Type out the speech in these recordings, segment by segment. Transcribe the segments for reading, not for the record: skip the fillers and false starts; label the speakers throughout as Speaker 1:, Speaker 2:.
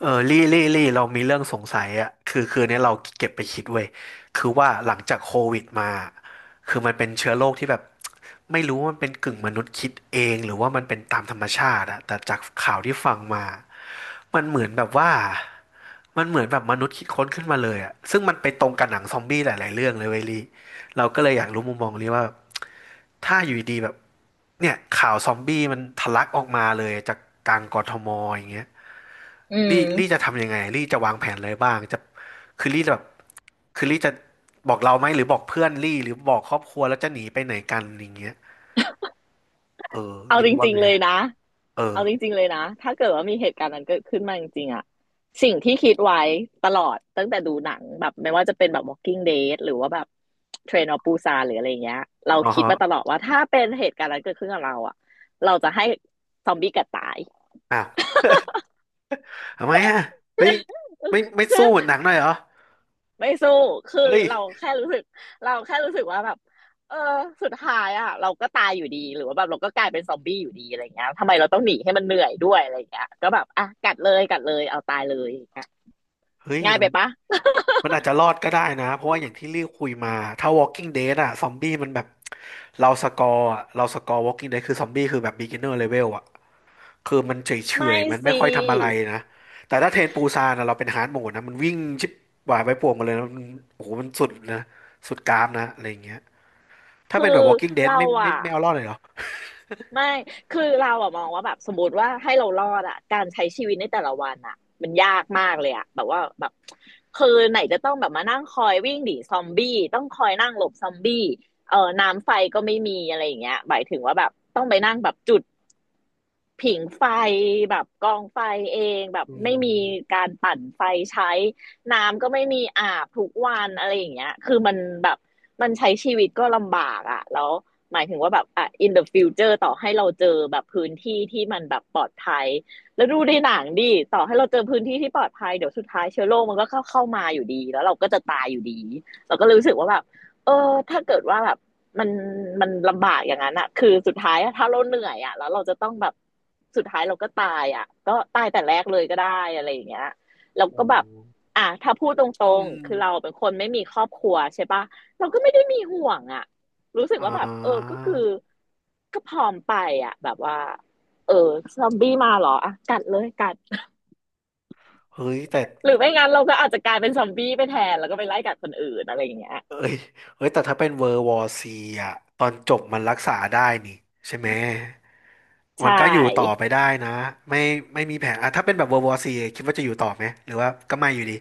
Speaker 1: เออลี่เรามีเรื่องสงสัยอ่ะคือเนี้ยเราเก็บไปคิดเว้ยคือว่าหลังจากโควิดมาคือมันเป็นเชื้อโรคที่แบบไม่รู้ว่ามันเป็นกึ่งมนุษย์คิดเองหรือว่ามันเป็นตามธรรมชาติอะแต่จากข่าวที่ฟังมามันเหมือนแบบว่ามันเหมือนแบบมนุษย์คิดค้นขึ้นมาเลยอ่ะซึ่งมันไปตรงกับหนังซอมบี้หลายๆเรื่องเลยเว้ยลี่เราก็เลยอยากรู้มุมมองลี่ว่าถ้าอยู่ดีๆแบบเนี่ยข่าวซอมบี้มันทะลักออกมาเลยจากกลางกทมอย่างเงี้ย
Speaker 2: อื
Speaker 1: ลี่
Speaker 2: ม
Speaker 1: จะทำยังไงลี่จะวางแผนอะไรบ้างจะคือลี่จะแบบคือลี่จะบอกเราไหมหรือบอกเพื่อนลี่หรือบอกครอบครัวแล้วจะหนีไปไหนกันอย่างเงี้ยเออ
Speaker 2: เอาจ
Speaker 1: ลี่ว่า
Speaker 2: ริง
Speaker 1: ไง
Speaker 2: ๆเลยนะ
Speaker 1: เออ
Speaker 2: เอาจริงๆเลยนะ ถ้าเกิดว่ามีเหตุการณ์นั้นเกิดขึ้นมาจริงๆอะสิ่งที่คิดไว้ตลอดตั้งแต่ดูหนังแบบไม่ว่าจะเป็นแบบ Walking Dead หรือว่าแบบ Train of Busan หรืออะไรเงี้ยเรา
Speaker 1: อ๋อ
Speaker 2: คิดมาต
Speaker 1: ฮะ
Speaker 2: ลอดว่าถ้าเป็นเหตุการณ์นั้นเกิดขึ้นกับเราอะเราจะให้ซอมบี้กัดตาย
Speaker 1: อ้าว ทำไมอ่ะไม่ไม่สู้เหมือ นหนังหน่อยเหรอ
Speaker 2: ไม่สู้ คือ
Speaker 1: เฮ้ย
Speaker 2: เราแค่รู้สึกว่าแบบ เออ สุดท้ายอ่ะ เราก็ตายอยู่ดี หรือว่าแบบเราก็กลายเป็นซอมบี้อยู่ดีอะไรเงี้ยทำไมเราต้องหนีให้มันเหนื่อยด้วยอะไรเงี้ยก็แบบ อ่ะ กัดเลยกัดเลยเอาตายเลยอย่างเงี้ย
Speaker 1: เฮ้ย
Speaker 2: ง่ายไป
Speaker 1: มัน
Speaker 2: ปะ
Speaker 1: มันอาจจะรอดก็ได้นะเพราะว่าอย่างที่ลี่คุยมาถ้า Walking Dead อะซอมบี้มันแบบเราสกอร์อะเราสกอร์ Walking Dead คือซอมบี้คือแบบ beginner level อะ คือมันเฉยเฉ
Speaker 2: ไม่
Speaker 1: ยมันไม่
Speaker 2: สิ
Speaker 1: ค่อยทำอะไรนะ แต่ถ้าเทรนปูซานนะเราเป็นฮาร์ดโหมดนะมันวิ่งชิบหวายไปป่วงมาเลยนะมันโอ้โหมันสุดนะ สุดกรามนะอะไรอย่างเงี้ยถ้า
Speaker 2: คื
Speaker 1: เป็นแบ
Speaker 2: อ
Speaker 1: บ Walking Dead
Speaker 2: เราอะ
Speaker 1: ไม่เอารอดเลยเหรอ
Speaker 2: ไม่ คือเราอะมองว่าแบบสมมติว่าให้เรารอดอะการใช้ชีวิตในแต่ละวันอะมันยากมากเลยอะแบบว่าแบบคือไหนจะต้องแบบมานั่งคอยวิ่งหนีซอมบี้ต้องคอยนั่งหลบซอมบี้เออน้ำไฟก็ไม่มีอะไรอย่างเงี้ยหมายถึงว่าแบบต้องไปนั่งแบบจุด ผิงไฟแบบกองไฟเองแบบ
Speaker 1: อื
Speaker 2: ไม่
Speaker 1: ม
Speaker 2: มีการปั่นไฟใช้น้ำก็ไม่มีอาบทุกวันอะไรอย่างเงี้ยคือมันแบบมันใช้ชีวิตก็ลำบากอะแล้วหมายถึงว่าแบบอ่ะ in the future ต่อให้เราเจอแบบพื้นที่ที่มันแบบปลอดภัยแล้วดูในหนังดิต่อให้เราเจอพื้นที่ที่ปลอดภัยเดี๋ยวสุดท้ายเชื้อโรคมันก็เข้ามาอยู่ดีแล้วเราก็จะตายอยู่ดีเราก็ลรู้สึกว่าแบบเออถ้าเกิดว่าแบบ มันมันลำบากอย่างนั้นอะคือสุดท้ายถ้าเราเหนื่อยอะแล้วเราจะต้องแบบสุดท้ายเราก็ตายอะก็ตายแต่แรกเลยก็ได้อะไรอย่างเงี้ยแล้วก็
Speaker 1: โอ้
Speaker 2: แบบอ่ะถ้าพูดตร
Speaker 1: อื
Speaker 2: ง
Speaker 1: ม
Speaker 2: ๆคือเราเป็นคนไม่มีครอบครัวใช่ปะเราก็ไม่ได้มีห่วงอะรู้สึก
Speaker 1: อ่
Speaker 2: ว่าแบบเออก็
Speaker 1: า
Speaker 2: คือก็พร้อมไปอะแบบว่าเออซอมบี้มาเหรออ่ะกัดเลยกัด
Speaker 1: เฮ้ยแต่
Speaker 2: หรือไม่งั้นเราก็อาจจะกลายเป็นซอมบี้ไปแทนแล้วก็ไปไล่กัดคนอื่นอะไรอย่างเงี้ย
Speaker 1: เอ้ยเฮ้ยแต่ถ้าเป็นเวอร์วอร์ซีอ่ะตอนจบมันรักษาได้นี่ใช่ไหม
Speaker 2: ใช
Speaker 1: มันก็อยู่ต่อไป
Speaker 2: ่
Speaker 1: ได้นะ ไม่ไม่มีแผลอ่ะถ้าเป็นแบบเวอร์วอร์ซีคิดว่าจะอยู่ต่อไหมหรือว่าก็ไม่อยู่ดี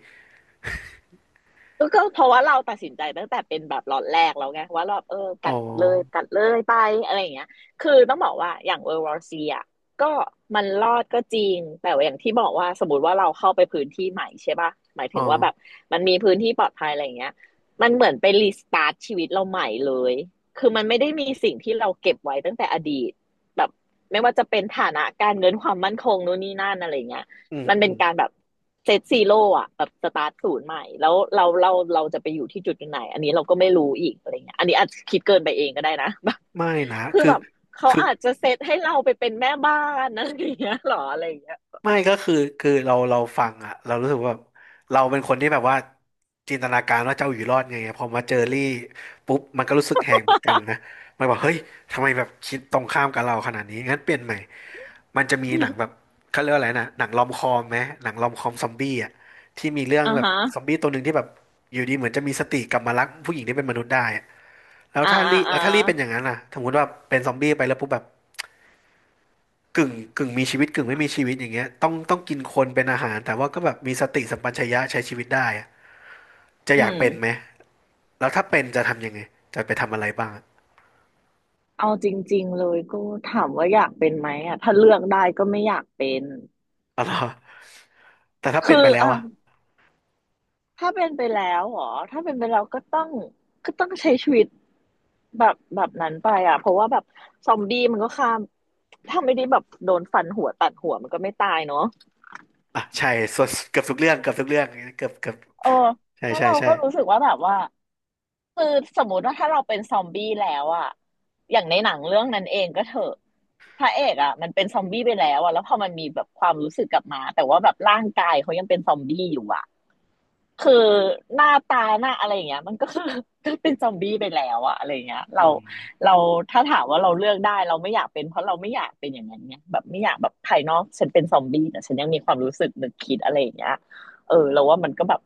Speaker 2: ก็เพราะว่าเราตัดสินใจตั้งแต่เป็นแบบล็อตแรกแล้วไงว่าเราเออ
Speaker 1: อ๋อ
Speaker 2: กัดเลยกัดเลยไปอะไรอย่างเงี้ยคือต้องบอกว่าอย่าง World War C อ่ะก็มันรอดก็จริงแต่ว่าอย่างที่บอกว่าสมมติว่าเราเข้าไปพื้นที่ใหม่ใช่ปะหมาย
Speaker 1: อ๋
Speaker 2: ถึ
Speaker 1: อ
Speaker 2: งว่าแบบมันมีพื้นที่ปลอดภัยอะไรอย่างเงี้ยมันเหมือนไปรีสตาร์ทชีวิตเราใหม่เลยคือมันไม่ได้มีสิ่งที่เราเก็บไว้ตั้งแต่อดีตแบบไม่ว่าจะเป็นฐานะการเงินความมั่นคงนู่นนี่นั่นอะไรอย่างเงี้ย
Speaker 1: อืม
Speaker 2: มัน
Speaker 1: อื
Speaker 2: เป็น
Speaker 1: ม
Speaker 2: การแบบเซตซีโร่อะแบบสตาร์ทศูนย์ใหม่แล้วเราจะไปอยู่ที่จุดไหนอันนี้เราก็ไม่รู้อีกอะไรเงี้ยอันนี้อาจจะคิดเกินไปเองก็ได้นะ
Speaker 1: ไม่นะ
Speaker 2: คือ
Speaker 1: คือ
Speaker 2: แบบเขา
Speaker 1: คือ
Speaker 2: อาจจะเซตให้เราไปเป็นแม่บ้านอะไรเงี้ยหรออะไรเงี้ย
Speaker 1: ไม่ก็คือเราฟังอะเรารู้สึกว่าแบบเราเป็นคนที่แบบว่าจินตนาการว่าเจ้าอยู่รอดไงพอมาเจอรี่ปุ๊บมันก็รู้สึกแหงเหมือนกันนะมันบอกเฮ้ยทำไมแบบคิดตรงข้ามกับเราขนาดนี้งั้นเปลี่ยนใหม่มันจะมีหนังแบบ เขาเรียกว่าอะไรนะหนังรอมคอมไหมหนังรอมคอมซอมบี้อะที่มีเรื่อง
Speaker 2: อ่า
Speaker 1: แบบ
Speaker 2: ฮะ
Speaker 1: ซอมบี้ตัวหนึ่งที่แบบอยู่ดีเหมือนจะมีสติกลับมารักผู้หญิงที่เป็นมนุษย์ได้อะแล้วถ้ารี่
Speaker 2: อ่า
Speaker 1: เป็นอย่างนั้นล่ะสมมติว่าเป็นซอมบี้ไปแล้วปุ๊บแบบ กึ่งมีชีวิตกึ่งไม่มีชีวิตอย่างเงี้ยต้องกินคนเป็นอาหารแต่ว่าก็แบบมีสติสัมปชัญญะใช้ชีวิตได้อะจะ
Speaker 2: อื
Speaker 1: อยาก
Speaker 2: ม
Speaker 1: เป็นไหมแล้วถ้าเป็นจะทำยังไงจะไปทำอะไรบ้างอะ
Speaker 2: เอาจริงๆเลยก็ถามว่าอยากเป็นไหมอ่ะถ้าเลือกได้ก็ไม่อยากเป็น
Speaker 1: อ๋อเหรอแต่ถ้าเป็
Speaker 2: คื
Speaker 1: น
Speaker 2: อ
Speaker 1: ไปแล้ว
Speaker 2: อ่ะ
Speaker 1: อะ
Speaker 2: ถ้าเป็นไปแล้วเหรอถ้าเป็นไปแล้วก็ต้องก็ต้องใช้ชีวิตแบบนั้นไปอ่ะเพราะว่าแบบซอมบี้มันก็ฆ่าถ้าไม่ได้แบบโดนฟันหัวตัดหัวมันก็ไม่ตายเนาะ
Speaker 1: อ่ะใช่ส่วนเกือบทุกเรื่องเกือบ
Speaker 2: เออ
Speaker 1: ใช่
Speaker 2: แล้ว
Speaker 1: ใช่
Speaker 2: เรา
Speaker 1: ใช่
Speaker 2: ก็รู้สึกว่าแบบว่าคือสมมติว่าถ้าเราเป็นซอมบี้แล้วอะอย่างในหนังเรื่องนั้นเองก็เถอะพระเอกอะมันเป็นซอมบี้ไปแล้วอะแล้วพอมันมีแบบความรู้สึกกลับมาแต่ว่าแบบร่างกายเขายังเป็นซอมบี้อยู่อะ คือหน้าอะไรอย่างเงี้ยมันก็คือ ก็เป็นซอมบี้ไปแล้วอะอะไรอย่างเงี้ย
Speaker 1: อืม
Speaker 2: เราถ้าถามว่าเราเลือกได้เราไม่อยากเป็นเพราะเราไม่อยากเป็นอย่างนั้นเนี่ยแบบไม่อยากแบบภายนอกฉันเป็นซอมบี้แต่ฉันยังมีความรู้สึกนึกคิดอะไรอย่างเงี้ยเออเราว่ามันก็แบบ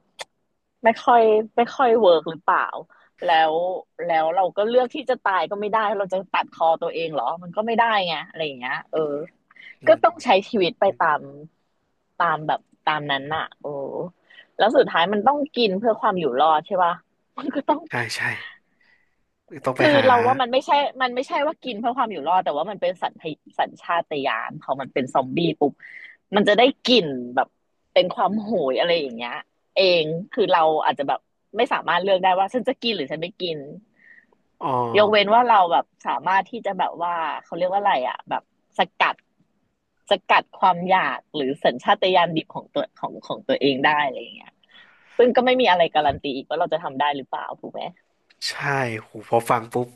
Speaker 2: ไม่ค่อยไม่ค่อยเวิร์กหรือเปล่าแล้วแล้วเราก็เลือกที่จะตายก็ไม่ได้ เราจะตัดคอตัวเองเหรอ มันก็ไม่ได้ไง อะไรอย่างเงี้ยเออ
Speaker 1: อื
Speaker 2: ก็
Speaker 1: ม
Speaker 2: ต้องใช้ชีวิตไปตามตามแบบตามนั้นน่ะโอ้แล้วสุดท้ายมันต้องกินเพื่อความอยู่รอดใช่ป่ะมันก็ต้อง
Speaker 1: ใช่ใช่ต้องไป
Speaker 2: คือ
Speaker 1: หา
Speaker 2: เราว่ามันไม่ใช่ว่ากินเพื่อความอยู่รอดแต่ว่ามันเป็นสัญชาตญาณพอมันเป็นซอมบี้ปุ๊บมันจะได้กลิ่นแบบเป็นความโหยอะไรอย่างเงี้ยเองคือเราอาจจะแบบไม่สามารถเลือกได้ว่าฉันจะกินหรือฉันไม่กิน
Speaker 1: อ๋อ
Speaker 2: ยกเว้นว่าเราแบบสามารถที่จะแบบว่าเขาเรียกว่าอะไรอ่ะแบบสกัดสกัดความอยากหรือสัญชาตญาณดิบของตัวของตัวเองได้อะไรอย่างเงี้ยซึ่งก็ไม่มีอะไรการันตีอีกว่าเราจะทำได้หรือเปล่าถูกไหม
Speaker 1: ใช่หูพอฟังปุ๊บ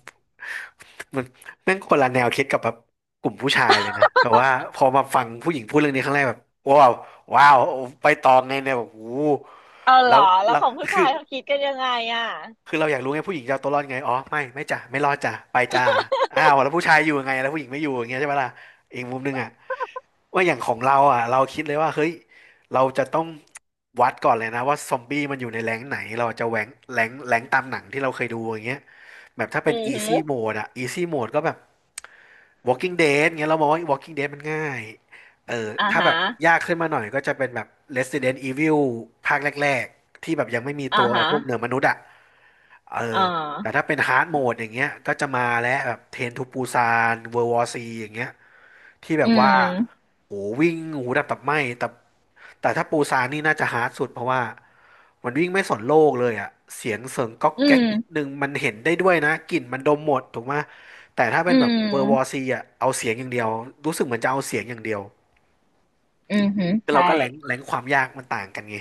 Speaker 1: มันแม่งคนละแนวคิดกับแบบกลุ่มผู้ชายเลยนะแบบว่าพอมาฟังผู้หญิงพูดเรื่องนี้ครั้งแรกแบบว้าวว้าวไปตองไงเนี่ยแบบโอ้โห
Speaker 2: เอาเหร
Speaker 1: แล้
Speaker 2: อ
Speaker 1: ว
Speaker 2: แล้ว
Speaker 1: เรา
Speaker 2: ของผู้
Speaker 1: คื
Speaker 2: ชา
Speaker 1: อ
Speaker 2: ยเขาคิดกันยังไงอ่ะ
Speaker 1: เราอยากรู้ไงผู้หญิงจะเอาตัวรอดไงอ๋อไม่จ้ะไม่รอดจ้ะไปจ้าอ้าวแล้วผู้ชายอยู่ยังไงแล้วผู้หญิงไม่อยู่อย่างเงี้ยใช่ปะล่ะอีกมุมหนึงอ่ะว่าอย่างของเราอ่ะเราคิดเลยว่าเฮ้ยเราจะต้องวัดก่อนเลยนะว่าซอมบี้มันอยู่ในแรงค์ไหนเราจะแหวงแรงค์ตามหนังที่เราเคยดูอย่างเงี้ยแบบถ้า
Speaker 2: อื
Speaker 1: เป็น
Speaker 2: อหือ
Speaker 1: easy mode อะ easy mode ก็แบบ Walking Dead เงี้ยเรามองว่า Walking Dead มันง่ายเออ
Speaker 2: อ่า
Speaker 1: ถ้าแบ
Speaker 2: ฮะ
Speaker 1: บยากขึ้นมาหน่อยก็จะเป็นแบบ Resident Evil ภาคแรกๆที่แบบยังไม่มี
Speaker 2: อ่า
Speaker 1: ตัว
Speaker 2: ฮะ
Speaker 1: พวกเหนือมนุษย์อะ เอ
Speaker 2: อ่
Speaker 1: อแต่
Speaker 2: า
Speaker 1: ถ้าเป็นฮาร์ดโหมดอย่างเงี้ยก็จะมาแล้วแบบเทนทูปูซานเวอร์วอซีอย่างเงี้ยที่แบ
Speaker 2: อื
Speaker 1: บว่า
Speaker 2: ม
Speaker 1: โหวิ่งหูดับตับไหม้แต่แต่ถ้าปูซานนี่น่าจะฮาร์ดสุดเพราะว่ามันวิ่งไม่สนโลกเลยอ่ะเสียงเสริงก๊อก
Speaker 2: อื
Speaker 1: แก๊กนิดนึ
Speaker 2: ม
Speaker 1: งมันเห็นได้ด้วยนะกลิ่นมันดมหมดถูกไหมแต่ถ้าเป็
Speaker 2: อื
Speaker 1: นแบบ
Speaker 2: ม
Speaker 1: เวอร์วอซีอ่ะเอาเสียงอย่างเดียวรู้สึกเหมือนจะเอาเสียงอย่างเดียว
Speaker 2: อือหือ
Speaker 1: คือเรา
Speaker 2: ใช่
Speaker 1: ก็แรงแรงความยากมันต่างกันไง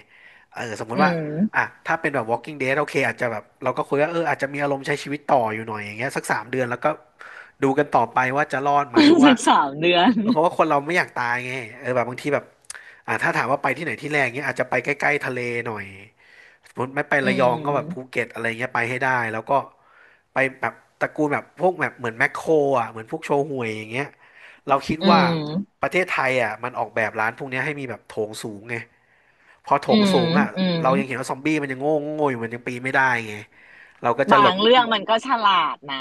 Speaker 1: เออสมมุ
Speaker 2: อื
Speaker 1: ติว่า
Speaker 2: ม
Speaker 1: อ่ะถ้าเป็นแบบ Walking Dead โอเคอาจจะแบบเราก็คุยว่าเอออาจจะมีอารมณ์ใช้ชีวิตต่ออยู่หน่อยอย่างเงี้ยสัก3 เดือนแล้วก็ดูกันต่อไปว่าจะรอดไหมเพ ราะว่า
Speaker 2: สักสามเดือน
Speaker 1: เพราะว่าคนเราไม่อยากตายไงเออแบบบางทีแบบถ้าถามว่าไปที่ไหนที่แรกเงี้ยอาจจะไปใกล้ๆทะเลหน่อยสมมติไม่ไป
Speaker 2: อื
Speaker 1: ระยองก็แบบภู
Speaker 2: ม
Speaker 1: เก็ตอะไรเงี้ยไปให้ได้แล้วก็ไปแบบตระกูลแบบพวกแบบเหมือนแมคโครอ่ะเหมือนพวกโชห่วยอย่างเงี้ยเราคิด
Speaker 2: อื
Speaker 1: ว่า
Speaker 2: ม
Speaker 1: ประเทศไทยอ่ะมันออกแบบร้านพวกเนี้ยให้มีแบบโถงสูงไงพอโถ
Speaker 2: อื
Speaker 1: ง
Speaker 2: ม
Speaker 1: สูงอ่ะ
Speaker 2: อืม
Speaker 1: เรายังเห็นว่าซอมบี้มันยังโง่โง่อยู่มันยังปีนไม่ได้ไงเราก็จะ
Speaker 2: บา
Speaker 1: หล
Speaker 2: ง
Speaker 1: บ
Speaker 2: เรื่องมันก็ฉลาดนะ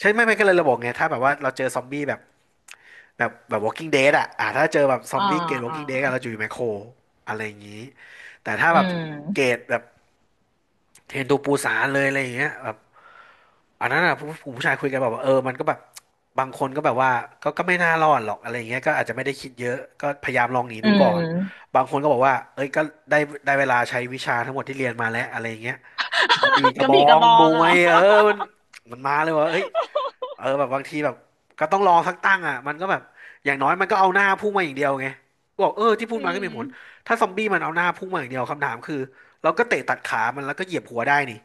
Speaker 1: ใช่ไม่ก็เลยเราบอกไงถ้าแบบว่าเราเจอซอมบี้แบบ Walking Dead อ่ะถ้าเจอแบบซอ
Speaker 2: อ่า
Speaker 1: มบี้เกรด
Speaker 2: อ่า
Speaker 1: Walking Dead อะเราจะอยู่ไมโครอะไรอย่างนี้แต่ถ้าแบ
Speaker 2: อื
Speaker 1: บ
Speaker 2: ม
Speaker 1: เกรดแบบเทรนทูปูซานเลยอะไรอย่างเงี้ยแบบ อันนั้นอ่ะผู้ชายคุยกันแบบว่าเออมันก็แบบบางคนก็แบบว่าก็ไม่น่ารอดหรอกอะไรอย่างเงี้ยก็อาจจะไม่ได้คิดเยอะก็พยายามลองหนี
Speaker 2: อื
Speaker 1: ดูก่อ
Speaker 2: ม
Speaker 1: นบางคนก็บอกว่าเอ้ยก็ได้ได้เวลาใช้วิชาทั้งหมดที่เรียนมาแล้วอะไรอย่างเงี้ยก็มีก
Speaker 2: ก
Speaker 1: ระ
Speaker 2: ระ
Speaker 1: บอ
Speaker 2: บี่กระ
Speaker 1: ง
Speaker 2: บอ
Speaker 1: ม
Speaker 2: งอะ
Speaker 1: ว
Speaker 2: เหร
Speaker 1: ย
Speaker 2: อ
Speaker 1: เออมันมันมาเลยว่าเอ้ยเออแบบบางทีแบบก็ต้องลองสักตั้งอ่ะมันก็แบบอย่างน้อยมันก็เอาหน้าพุ่งมาอย่างเดียวไงก็บอกเออที่พู
Speaker 2: อื
Speaker 1: ดมาก็
Speaker 2: ม
Speaker 1: มีผลถ้าซอมบี้มันเอาหน้าพุ่งมาอย่างเดียวคำถามคือเราก็เตะตัดขามันแล้วก็เหยียบหัวได้นี่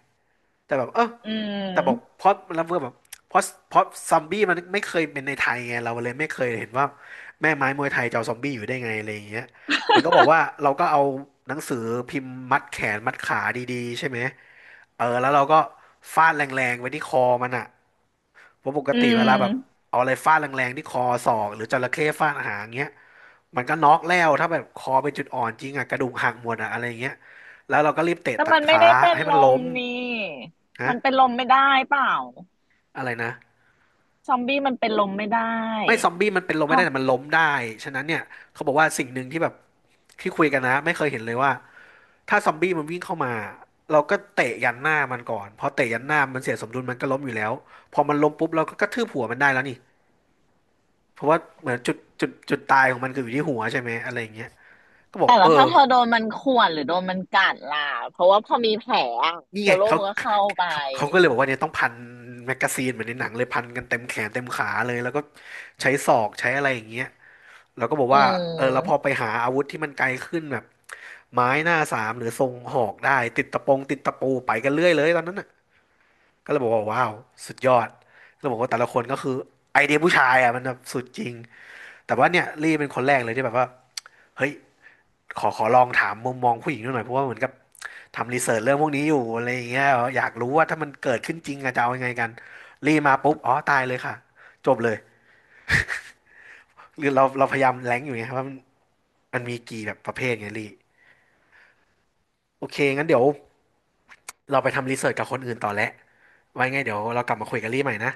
Speaker 1: แต่แบบเออ
Speaker 2: อื
Speaker 1: แต่บอก
Speaker 2: ม
Speaker 1: เพราะแล้วเพื่อแบบเพราะเพราะซอมบี้มันไม่เคยเป็นในไทยไงเราเลยไม่เคยเห็นว่าแม่ไม้มวยไทยจะเอาซอมบี้อยู่ได้ไงอะไรอย่างเงี้ยมันก็บอกว่าเราก็เอาหนังสือพิมพ์มัดแขนมัดขาดีๆใช่ไหมเออแล้วเราก็ฟาดแรงๆไว้ที่คอมันอะเพราะปก
Speaker 2: อื
Speaker 1: ติเวลาแบบ
Speaker 2: ม
Speaker 1: เอาอะไรฟาดแรงๆที่คอศอกหรือจระเข้ฟาดหางเงี้ยมันก็น็อกแล้วถ้าแบบคอเป็นจุดอ่อนจริงอะกระดูกหักหมดอะอะไรอย่างเงี้ยแล้วเราก็รีบเตะ
Speaker 2: แต่
Speaker 1: ตัด
Speaker 2: มันไม่
Speaker 1: ขา
Speaker 2: ได้เป็น
Speaker 1: ให้
Speaker 2: ล
Speaker 1: มันล้
Speaker 2: ม
Speaker 1: ม
Speaker 2: นี่
Speaker 1: นะ
Speaker 2: มันเป็นลมไม่ได้เปล่า
Speaker 1: อะไรนะ
Speaker 2: ซอมบี้มันเป็นลมไม่ได้
Speaker 1: ไม่ซอมบี้มันเป็นลม
Speaker 2: เพ
Speaker 1: ไม่ได้
Speaker 2: ราะ
Speaker 1: แต่มันล้มได้ ฉะนั้นเนี่ยเขาบอกว่าสิ่งหนึ่งที่แบบที่คุยกันนะไม่เคยเห็นเลยว่าถ้าซอมบี้มันวิ่งเข้ามาเราก็เตะยันหน้ามันก่อนพอเตะยันหน้ามันเสียสมดุลมันก็ล้มอยู่แล้วพอมันล้มปุ๊บเราก็กระทืบหัวมันได้แล้วนี่เพราะว่าเหมือนจุดตายของมันคืออยู่ที่หัวใช่ไหมอะไรอย่างเงี้ยก็บอก
Speaker 2: แต่
Speaker 1: เอ
Speaker 2: ละ
Speaker 1: อ
Speaker 2: ถ้าเธอโดนมันข่วนหรือโดนมันกัดล่ะ เพราะว่าพอมีแผลอะ
Speaker 1: นี่ไง
Speaker 2: เชื้อโรค
Speaker 1: เขา
Speaker 2: มันก็เข้าไป
Speaker 1: เขาก็เลยบอกว่าเนี่ยต้องพันแมกกาซีนเหมือนในหนังเลยพันกันเต็มแขนเต็มขาเลยแล้วก็ใช้ศอกใช้อะไรอย่างเงี้ยเราก็บอก
Speaker 2: อื
Speaker 1: ว่าเออแล้วพอ
Speaker 2: ม
Speaker 1: ไปหาอาวุธที่มันไกลขึ้นแบบ ไม้หน้าสามหรือทรงหอกได้ติดตะปงติดตะปูไปกันเรื่อยเลยตอนนั้นน่ะก็เลยบอกว่าว้าวสุดยอดก็บอกว่าแต่ละคนก็คือไอเดียผู้ชายอ่ะมันแบบสุดจริงแต่ว่าเนี่ยลี่เป็นคนแรกเลยที่แบบว่าเฮ้ยขอลองถามมุมมองผู้หญิงดูหน่อยเพราะว่าเหมือนกับทำรีเสิร์ชเรื่องพวกนี้อยู่อะไรอย่างเงี้ยอยากรู้ว่าถ้ามันเกิดขึ้นจริงอะจะเอายังไงกันลี่มาปุ๊บอ๋อตายเลยค่ะจบเลยหรือเราพยายามแรงอยู่ไงครับว่ามันมันมีกี่แบบประเภทไงลี่โอเคงั้นเดี๋ยวเราไปทำรีเสิร์ชกับคนอื่นต่อแล้ว ไว้ไงเดี๋ยวเรากลับมาคุยกันรี่ใหม่นะ